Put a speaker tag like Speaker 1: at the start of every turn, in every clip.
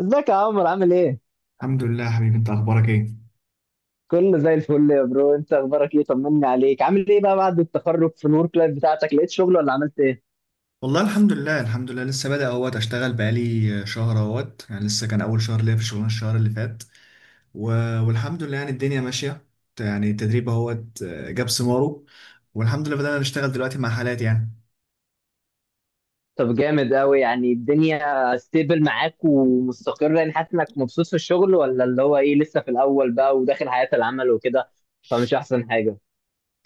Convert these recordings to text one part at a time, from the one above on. Speaker 1: ازيك يا عمرو؟ عامل ايه؟
Speaker 2: الحمد لله يا حبيبي، انت اخبارك ايه؟
Speaker 1: كله زي الفل يا برو. انت اخبارك ايه؟ طمني عليك، عامل ايه بقى بعد التخرج؟ في الورك لايف بتاعتك لقيت شغل ولا عملت ايه؟
Speaker 2: والله الحمد لله الحمد لله، لسه بادئ، اشتغل بقالي شهر، يعني لسه كان اول شهر ليا في الشغلانه الشهر اللي فات و... والحمد لله يعني الدنيا ماشيه. يعني التدريب اهوت آه، جاب ثماره. والحمد لله بدأنا نشتغل دلوقتي مع حالات يعني.
Speaker 1: طب جامد قوي، يعني الدنيا ستيبل معاك ومستقرة، يعني حاسس انك مبسوط في الشغل ولا اللي هو ايه لسه في الاول بقى وداخل حياة العمل وكده، فمش احسن حاجة؟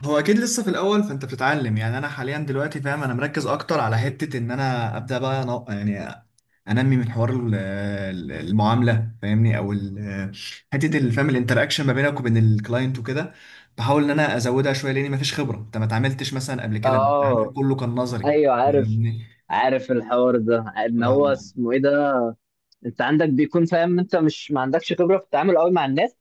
Speaker 2: هو اكيد لسه في الاول، فانت بتتعلم. يعني انا حاليا دلوقتي فاهم، انا مركز اكتر على حته ان انا ابدا بقى، يعني انمي من حوار المعامله، فاهمني؟ حته فاهم الانتراكشن ما بينك وبين الكلاينت وكده. بحاول ان انا ازودها شويه، لاني ما فيش خبره، انت ما اتعاملتش مثلا قبل كده، التعامل
Speaker 1: اه،
Speaker 2: كله كان نظري.
Speaker 1: ايوه عارف.
Speaker 2: فاهمني؟
Speaker 1: عارف الحوار ده ان هو
Speaker 2: طبعاً.
Speaker 1: اسمه ايه ده، انت عندك بيكون فاهم، انت مش ما عندكش خبرة في التعامل قوي مع الناس.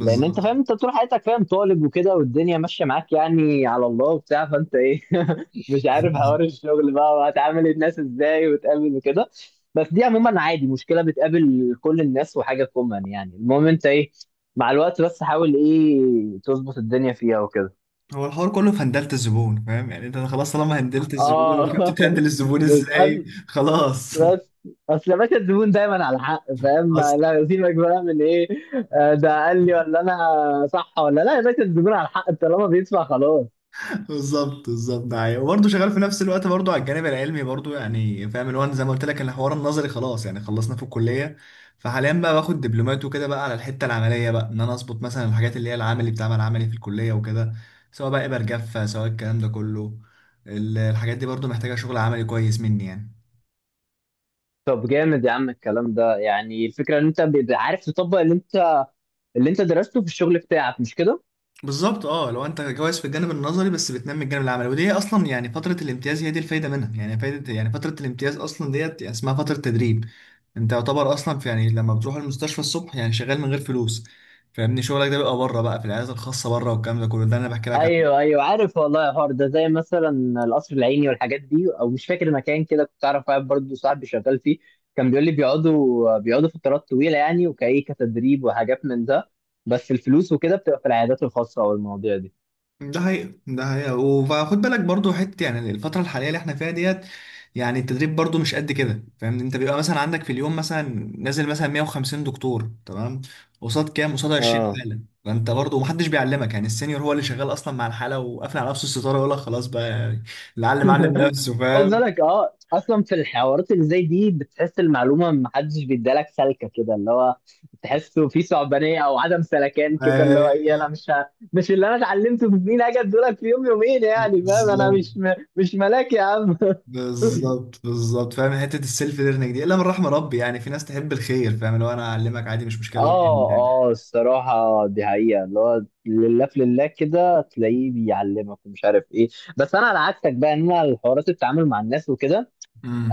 Speaker 1: لان انت فاهم انت طول حياتك فاهم طالب وكده، والدنيا ماشيه معاك يعني على الله وبتاع، فانت ايه مش عارف حوار الشغل بقى وهتعامل الناس ازاي وتقابل وكده. بس دي عموما عادي، مشكله بتقابل كل الناس وحاجه كومن، يعني المهم انت ايه مع الوقت، بس حاول ايه تظبط الدنيا فيها وكده.
Speaker 2: هو الحوار كله في هندلة الزبون، فاهم؟ يعني انت خلاص، طالما هندلت الزبون
Speaker 1: اه
Speaker 2: وفهمت تهندل الزبون
Speaker 1: بس أص-
Speaker 2: ازاي، خلاص.
Speaker 1: بس اصل يا باشا الزبون دايما على حق، فاهم؟ لا سيبك بقى من ايه ده قال لي ولا انا صح ولا لا، يا باشا الزبون على حق طالما بيدفع خلاص.
Speaker 2: بالظبط بالظبط، ده حقيقي. وبرضه شغال في نفس الوقت برضه على الجانب العلمي برضه، يعني فاهم اللي هو أنا زي ما قلت لك، الحوار النظري خلاص يعني خلصنا في الكليه. فحاليا بقى باخد دبلومات وكده بقى على الحته العمليه، بقى ان انا اظبط مثلا الحاجات اللي هي العملي، بتاع العملي في الكليه وكده. سواء بقى ابر جافه، سواء الكلام ده كله، الحاجات دي برضه محتاجه شغل عملي كويس مني يعني.
Speaker 1: طب جامد يا عم الكلام ده، يعني الفكرة ان انت بيبقى عارف تطبق اللي انت اللي انت درسته في الشغل بتاعك، مش كده؟
Speaker 2: بالظبط، اه لو انت كويس في الجانب النظري بس بتنمي الجانب العملي، ودي هي اصلا يعني فتره الامتياز، هي دي الفايده منها يعني، فايده يعني فتره الامتياز، اصلا ديت يعني اسمها فتره تدريب. انت يعتبر اصلا في، يعني لما بتروح المستشفى الصبح يعني شغال من غير فلوس. فاهمني؟ شغلك ده بيبقى بره بقى في العيادات الخاصه بره، والكلام ده كله ده اللي انا بحكي لك عنه.
Speaker 1: ايوه ايوه عارف، والله يا حوار ده زي مثلا القصر العيني والحاجات دي، او مش فاكر مكان كده كنت اعرف واحد برضه صاحبي شغال فيه. كان بيقول لي بيقعدوا فترات طويلة يعني وكايه كتدريب وحاجات من ده، بس الفلوس وكده بتبقى في العيادات الخاصة او المواضيع دي.
Speaker 2: ده حقيقة ده حقيقة، وخد بالك برضو حته، يعني الفتره الحاليه اللي احنا فيها ديت، يعني التدريب برضو مش قد كده. فاهمني؟ انت بيبقى مثلا عندك في اليوم مثلا نازل مثلا 150 دكتور، تمام؟ قصاد كام؟ قصاد 20
Speaker 1: اه،
Speaker 2: حاله، فانت برضو محدش بيعلمك. يعني السينيور هو اللي شغال اصلا مع الحاله وقافل على نفسه الستاره، يقول لك خلاص بقى يعني، اللي علم علم نفسه.
Speaker 1: خد
Speaker 2: فاهم؟
Speaker 1: بالك، اه اصلا في الحوارات اللي زي دي بتحس المعلومه ما حدش بيدالك سلكه كده، اللي هو تحسه في صعبانيه او عدم سلكان كده، اللي هو ايه
Speaker 2: ايوه.
Speaker 1: انا مش اللي انا اتعلمته في سنين اجي ادولك في يوم يومين، يعني فاهم انا
Speaker 2: بالظبط.
Speaker 1: مش ملاك يا عم
Speaker 2: بالظبط بالظبط، فاهم حته السيلف ليرنينج دي، الا من رحم ربي. يعني في ناس تحب الخير، فاهم؟ لو انا اعلمك، عادي مش مشكله، وجه
Speaker 1: اه،
Speaker 2: الله.
Speaker 1: اه الصراحة دي حقيقة، اللي هو لله في لله كده تلاقيه بيعلمك ومش عارف ايه. بس انا على عكسك بقى، ان انا الحوارات التعامل مع الناس وكده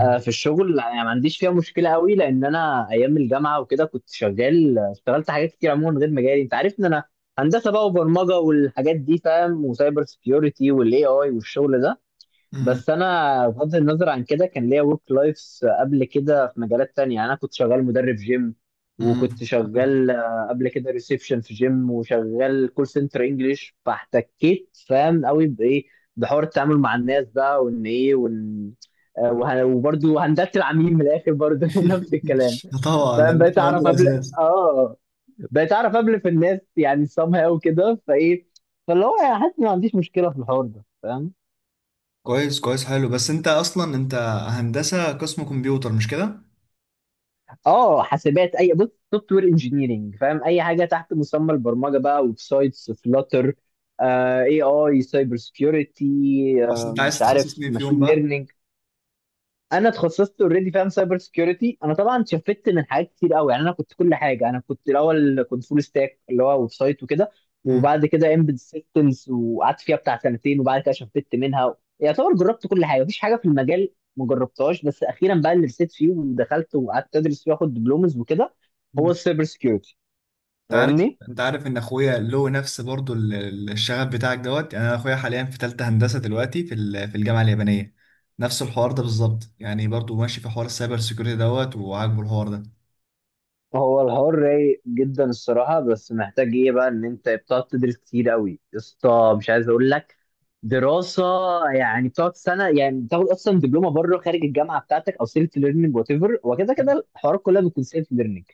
Speaker 1: في الشغل يعني ما عنديش فيها مشكله قوي، لان انا ايام الجامعه وكده كنت شغال، اشتغلت حاجات كتير عموما غير مجالي. انت عارف ان انا هندسه بقى وبرمجه والحاجات دي فاهم، وسايبر سكيورتي والاي اي والشغل ده.
Speaker 2: امم
Speaker 1: بس انا بغض النظر عن كده كان ليا ورك لايفs قبل كده في مجالات تانية، يعني انا كنت شغال مدرب جيم،
Speaker 2: امم.
Speaker 1: وكنت شغال قبل كده ريسبشن في جيم، وشغال كول سنتر انجلش، فاحتكيت فاهم قوي بايه، بحوار التعامل مع الناس ده، وان ايه وان وبرضه هندلت العميل من الاخر برضه نفس الكلام
Speaker 2: طبعا ده
Speaker 1: فاهم.
Speaker 2: مش
Speaker 1: بقيت
Speaker 2: عندي
Speaker 1: اعرف قبل،
Speaker 2: الاساس.
Speaker 1: اه بقيت اعرف قبل في الناس يعني somehow كده فايه، فاللي هو يعني حاسس إني ما عنديش مشكله في الحوار ده فاهم.
Speaker 2: كويس كويس، حلو. بس انت اصلا انت هندسه قسم كمبيوتر، مش كده؟
Speaker 1: اه حاسبات، اي بص سوفت وير انجينيرنج فاهم، اي حاجه تحت مسمى البرمجه بقى، ويب سايتس فلاتر، اي اي سايبر سكيورتي،
Speaker 2: بس انت عايز
Speaker 1: مش
Speaker 2: تتخصص
Speaker 1: عارف
Speaker 2: مين فيهم
Speaker 1: ماشين
Speaker 2: بقى؟
Speaker 1: ليرنينج. انا اتخصصت اوريدي فاهم سايبر سكيورتي. انا طبعا شفت من حاجات كتير قوي، يعني انا كنت كل حاجه، انا كنت الاول كنت فول ستاك اللي هو ويب سايت وكده، وبعد كده امبيد سيستمز وقعدت فيها بتاع سنتين، وبعد كده شفت منها يعتبر جربت كل حاجه، مفيش حاجه في المجال ما جربتهاش، بس اخيرا بقى اللي رسيت فيه ودخلت وقعدت ادرس فيه واخد دبلومز وكده، هو
Speaker 2: مم.
Speaker 1: السايبر سكيورتي.
Speaker 2: انت عارف
Speaker 1: فاهمني،
Speaker 2: انت عارف ان اخويا له نفس برضو الشغف بتاعك دوت، يعني انا اخويا حاليا في ثالثه هندسه دلوقتي في الجامعه اليابانيه. نفس الحوار ده بالظبط، يعني برضو ماشي في حوار السايبر سيكيورتي دوت، وعاجبه الحوار ده.
Speaker 1: هو الحوار رايق جدا الصراحة، بس محتاج ايه بقى ان انت بتقعد تدرس كتير قوي يا اسطى، مش عايز اقول لك دراسة. يعني بتقعد سنة، يعني بتاخد اصلا دبلومة بره خارج الجامعة بتاعتك، او سيلف ليرنينج وات ايفر، وكده كده الحوارات كلها بتكون سيلف ليرنينج،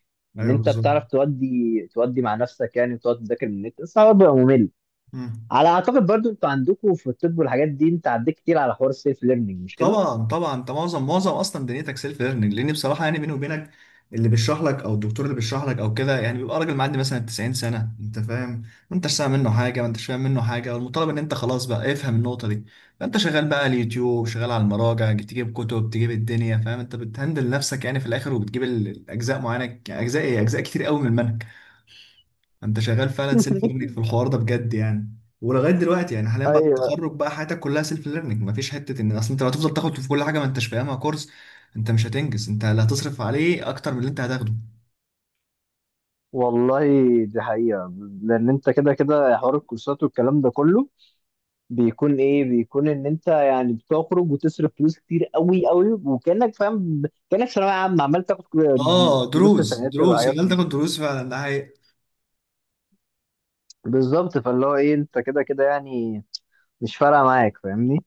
Speaker 1: ان
Speaker 2: ايوه
Speaker 1: انت
Speaker 2: بالظبط.
Speaker 1: بتعرف تودي، تودي مع نفسك يعني، وتقعد تذاكر من النت، بس الحوار بيبقى ممل.
Speaker 2: مم.
Speaker 1: على اعتقد برضو انتوا عندكم في الطب والحاجات دي انت عديت كتير على حوار السيلف ليرنينج، مش كده؟
Speaker 2: طبعا طبعا، انت معظم اصلا دنيتك سيلف ليرنينج، لان بصراحه يعني بيني وبينك، اللي بيشرح لك او الدكتور اللي بيشرح لك او كده، يعني بيبقى راجل معدي مثلا 90 سنه، انت فاهم؟ ما انتش سامع منه حاجه، ما انتش فاهم منه حاجه، والمطالب ان انت خلاص بقى افهم النقطه دي. فانت شغال بقى على اليوتيوب، شغال على المراجع، تجيب كتب، تجيب الدنيا، فاهم؟ انت بتهندل نفسك يعني في الاخر، وبتجيب الاجزاء معينه، يعني اجزاء ايه، اجزاء كتير قوي من المنهج. انت شغال فعلا سيلف ليرنينج في الحوار ده بجد يعني. ولغايه دلوقتي يعني حاليا بعد
Speaker 1: ايوه
Speaker 2: التخرج بقى، حياتك كلها سيلف ليرنينج، مفيش حته ان، اصل انت لو هتفضل تاخد في كل حاجه ما انتش فاهمها كورس، انت مش هتنجز، انت اللي هتصرف عليه اكتر من اللي انت هتاخده.
Speaker 1: والله، دي حقيقة. لأن أنت كده كده حوار الكورسات والكلام ده كله بيكون إيه، بيكون إن أنت يعني بتخرج وتصرف فلوس كتير أوي أوي، وكأنك فاهم كأنك ثانوية عامة عمال تاخد
Speaker 2: اه
Speaker 1: دروس في
Speaker 2: دروس
Speaker 1: التناتر
Speaker 2: دروس،
Speaker 1: وحاجات
Speaker 2: شغال
Speaker 1: من
Speaker 2: تاخد
Speaker 1: ده.
Speaker 2: دروس فعلا، ده حقيقة.
Speaker 1: بالظبط، فاللي هو إيه، أنت كده كده يعني مش فارقة معاك، فاهمني.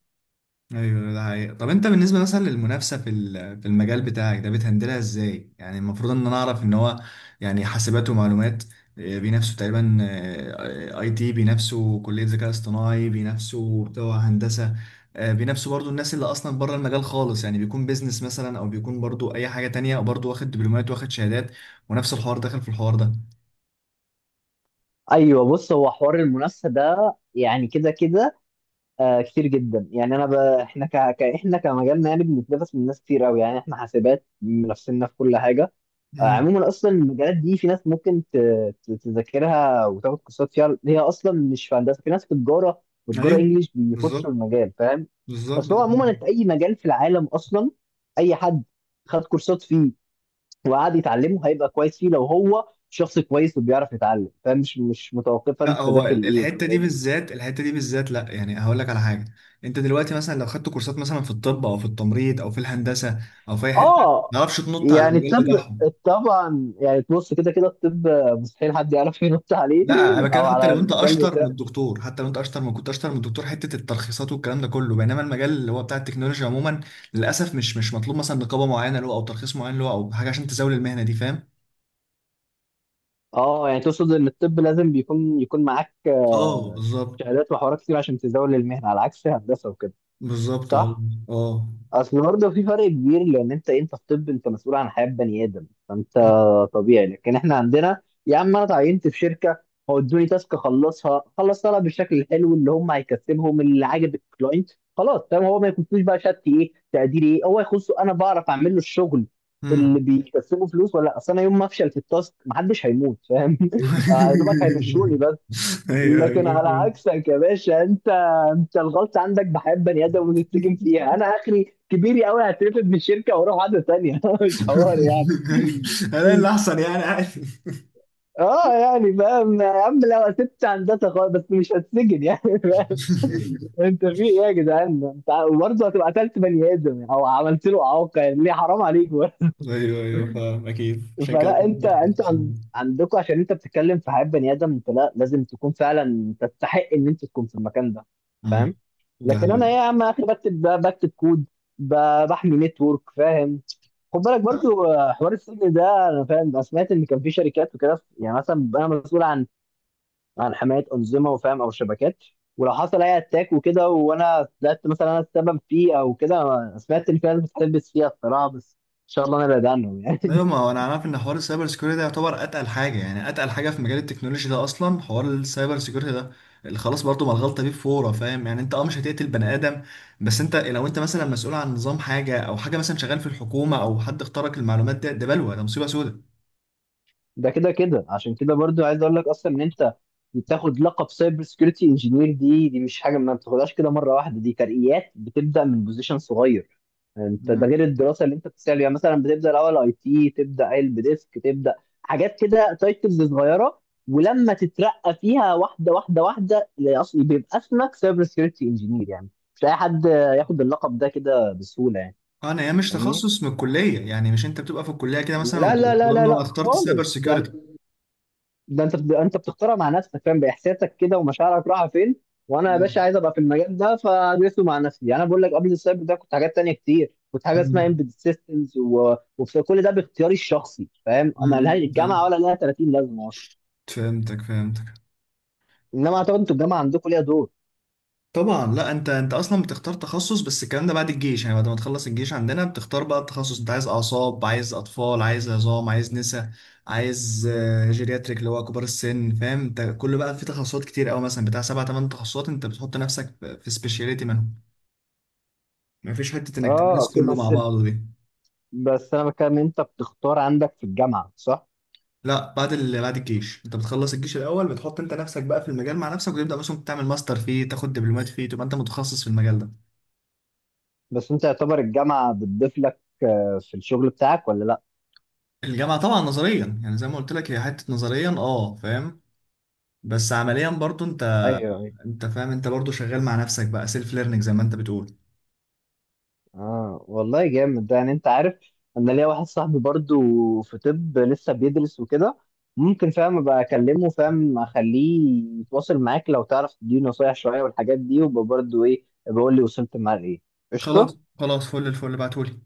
Speaker 2: ايوه ده حقيقي. طب انت بالنسبه مثلا للمنافسه في المجال بتاعك ده بتهندلها ازاي؟ يعني المفروض ان انا اعرف ان هو، يعني حاسبات ومعلومات، بينافسوا تقريبا اي تي، بينافسوا كليه ذكاء اصطناعي، بينافسوا بتوع هندسه، بينافسوا برضو الناس اللي اصلا بره المجال خالص، يعني بيكون بيزنس مثلا، او بيكون برضو اي حاجه تانية برضو واخد دبلومات، واخد شهادات، ونفس الحوار داخل في الحوار ده.
Speaker 1: أيوه، بص، هو حوار المنافسة ده يعني كده كده آه كتير جدا. يعني انا ب... احنا ك... ك... احنا كمجالنا يعني بنتنافس من ناس كتير قوي، يعني احنا حاسبات منافسيننا في كل حاجه. آه
Speaker 2: امم.
Speaker 1: عموما اصلا المجالات دي في ناس ممكن تذاكرها وتاخد كورسات فيها، هي اصلا مش في هندسه، في ناس في تجاره، وتجاره
Speaker 2: ايوه
Speaker 1: انجليش بيخشوا
Speaker 2: بالظبط.
Speaker 1: المجال فاهم.
Speaker 2: بالظبط.
Speaker 1: اصل هو عموما انت اي مجال في العالم اصلا، اي حد خد كورسات فيه وقعد يتعلمه هيبقى كويس فيه لو هو شخص كويس وبيعرف يتعلم، فاهم؟ مش متوقفه
Speaker 2: لا
Speaker 1: انت
Speaker 2: هو
Speaker 1: داخل ايه
Speaker 2: الحته
Speaker 1: وكده،
Speaker 2: دي
Speaker 1: لان
Speaker 2: بالذات، الحته دي بالذات، لا يعني هقول لك على حاجه. انت دلوقتي مثلا لو خدت كورسات مثلا في الطب او في التمريض او في الهندسه او في اي حته،
Speaker 1: اه،
Speaker 2: ما تعرفش تنط على
Speaker 1: يعني
Speaker 2: المجال
Speaker 1: الطب،
Speaker 2: بتاعهم.
Speaker 1: طبعا، يعني بص كده كده الطب مستحيل حد يعرف ينط عليه
Speaker 2: لا انا بتكلم،
Speaker 1: او
Speaker 2: حتى
Speaker 1: على
Speaker 2: لو انت
Speaker 1: المجال
Speaker 2: اشطر من
Speaker 1: بتاعه.
Speaker 2: الدكتور، حتى لو انت اشطر من كنت اشطر من الدكتور، حته الترخيصات والكلام ده كله. بينما المجال اللي هو بتاع التكنولوجيا عموما، للاسف مش مطلوب مثلا نقابه معينه له، او ترخيص معين له، او حاجه عشان تزاول المهنه دي، فاهم؟
Speaker 1: اه يعني تقصد ان الطب لازم بيكون يكون معاك
Speaker 2: اه بالظبط.
Speaker 1: شهادات وحوارات كتير عشان تزاول المهنه، على عكس هندسه وكده،
Speaker 2: بالظبط اه.
Speaker 1: صح؟
Speaker 2: اه.
Speaker 1: اصل برضه في فرق كبير، لان انت في طب انت مسؤول عن حياه بني ادم، فانت طبيعي. لكن احنا عندنا، يا عم انا اتعينت في شركه، هو ادوني تاسك اخلصها، خلص طلب بالشكل الحلو اللي هم هيكسبهم اللي عاجب الكلاينت، خلاص فاهم، هو ما يكونش بقى شات ايه، تقدير ايه، هو يخصه انا بعرف اعمل له الشغل
Speaker 2: مم.
Speaker 1: اللي بيكسبه فلوس ولا لا. اصل انا يوم ما افشل في التاسك محدش هيموت فاهم يا دوبك هيمشوني.
Speaker 2: ايوه
Speaker 1: لكن
Speaker 2: ايوه،
Speaker 1: على
Speaker 2: فهمت.
Speaker 1: عكسك يا باشا، انت الغلط عندك بحياة بني ادم ونتسجن فيها، انا اخري كبيري قوي هترفد من الشركه واروح عاده تانية مش حوار يعني.
Speaker 2: الاقي اللي احسن يعني، عادي.
Speaker 1: اه يعني فاهم يا عم، لو سبت هندسه خالص بس مش هتسجن يعني فاهم انت في ايه يا جدعان انت؟ وبرضه هتبقى قتلت بني ادم او عملت له اعاقه، يعني ليه، حرام عليك برضه.
Speaker 2: ايوه ايوه فاهم، اكيد عشان كده
Speaker 1: فلا
Speaker 2: كنت ممكن تسميه.
Speaker 1: عندكم عشان انت بتتكلم في حياة بني ادم، انت لا، لازم تكون فعلا تستحق ان انت تكون في المكان ده،
Speaker 2: مم.
Speaker 1: فاهم.
Speaker 2: ده
Speaker 1: لكن
Speaker 2: حلو.
Speaker 1: انا ايه يا عم اخي، بكتب كود، بحمي نتورك فاهم. خد بالك برضو حوار السجن ده، انا فاهم انا سمعت ان كان في شركات وكده، يعني مثلا انا مسؤول عن عن حمايه انظمه وفاهم او شبكات، ولو حصل اي اتاك وكده وانا طلعت مثلا انا السبب فيه او كده، أنا سمعت ان في ناس بتلبس فيها الصراحه، بس ان شاء الله انا بعيد عنهم يعني.
Speaker 2: ايوه، ما هو انا عارف ان حوار السايبر سيكيورتي ده يعتبر اتقل حاجه، يعني اتقل حاجه في مجال التكنولوجي ده اصلا، حوار السايبر سيكيورتي ده اللي خلاص، برضو ما الغلطه فيه فوره. فاهم؟ يعني انت اه، مش هتقتل بني ادم، بس انت لو انت مثلا مسؤول عن نظام حاجه او حاجه، مثلا شغال في الحكومه، او حد اخترق المعلومات، ده بلوه، ده مصيبه سودة.
Speaker 1: ده كده كده عشان كده برضو عايز اقول لك اصلا ان انت بتاخد لقب سايبر سكيورتي انجينير، دي مش حاجه ما بتاخدهاش كده مره واحده، دي ترقيات بتبدا من بوزيشن صغير، انت ده غير الدراسه اللي انت بتسال. يعني مثلا بتبدا الاول اي تي، تبدا قلب ديسك، تبدا حاجات كده تايتلز صغيره، ولما تترقى فيها واحده واحده واحده اللي اصلا بيبقى اسمك سايبر سكيورتي انجينير يعني. مش اي حد ياخد اللقب ده كده بسهوله يعني.
Speaker 2: انا هي مش
Speaker 1: فاهمني،
Speaker 2: تخصص من الكليه يعني، مش انت بتبقى في الكليه كده مثلا
Speaker 1: لا لا لا
Speaker 2: وتقول
Speaker 1: لا
Speaker 2: إن انا
Speaker 1: لا
Speaker 2: اخترت سايبر
Speaker 1: خالص، ده
Speaker 2: سيكيورتي.
Speaker 1: ده انت انت بتختارها مع نفسك فاهم، باحساسك كده ومشاعرك رايحه فين، وانا يا
Speaker 2: اه.
Speaker 1: باشا عايز ابقى في المجال ده فادرسه مع نفسي. يعني انا بقول لك قبل السايبر ده كنت حاجات تانية كتير، كنت حاجه اسمها
Speaker 2: أمم.
Speaker 1: امبيد سيستمز، وكل ده باختياري الشخصي فاهم، ما لهاش
Speaker 2: أمم،
Speaker 1: الجامعه
Speaker 2: فهمت-
Speaker 1: ولا لها 30 لازمه اصلا.
Speaker 2: فهمتك فهمتك.
Speaker 1: انما اعتقد انتوا الجامعه عندكم ليها دور.
Speaker 2: طبعا، لا انت اصلا بتختار تخصص، بس الكلام ده بعد الجيش يعني، بعد ما تخلص الجيش عندنا بتختار بقى التخصص، انت عايز اعصاب، عايز اطفال، عايز عظام، عايز نسا، عايز جيرياتريك اللي هو كبار السن، فاهم؟ انت كل بقى في تخصصات كتير قوي، مثلا بتاع سبع ثمان تخصصات، انت بتحط نفسك في سبيشاليتي منهم، مفيش حته انك
Speaker 1: اه
Speaker 2: تدرس
Speaker 1: اوكي،
Speaker 2: كله مع
Speaker 1: بس
Speaker 2: بعضه دي.
Speaker 1: بس انا بتكلم انت بتختار عندك في الجامعه، صح؟
Speaker 2: لا بعد الجيش، انت بتخلص الجيش الاول، بتحط انت نفسك بقى في المجال مع نفسك، وتبدا مثلا تعمل ماستر فيه، تاخد دبلومات فيه، تبقى انت متخصص في المجال ده.
Speaker 1: بس انت يعتبر الجامعه بتضيف لك في الشغل بتاعك ولا لا؟
Speaker 2: الجامعه طبعا نظريا، يعني زي ما قلت لك، هي حته نظريا اه، فاهم؟ بس عمليا برضو
Speaker 1: ايوه،
Speaker 2: انت فاهم، انت برضو شغال مع نفسك بقى سيلف ليرنينج زي ما انت بتقول.
Speaker 1: اه والله جامد ده، يعني انت عارف انا ليا واحد صاحبي برضو في طب لسه بيدرس وكده، ممكن فاهم ابقى اكلمه فاهم اخليه يتواصل معاك لو تعرف تديني نصايح شويه والحاجات دي، وابقى برضو ايه بقول لي وصلت معاه لايه.
Speaker 2: خلاص
Speaker 1: قشطه.
Speaker 2: خلاص، فل الفل، بعتولي.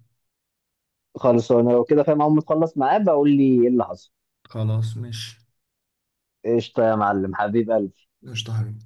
Speaker 1: خلاص انا لو كده فاهم اول ما تخلص معاه بقول لي ايه اللي حصل.
Speaker 2: خلاص
Speaker 1: قشطه يا معلم، حبيب قلبي.
Speaker 2: مش طهري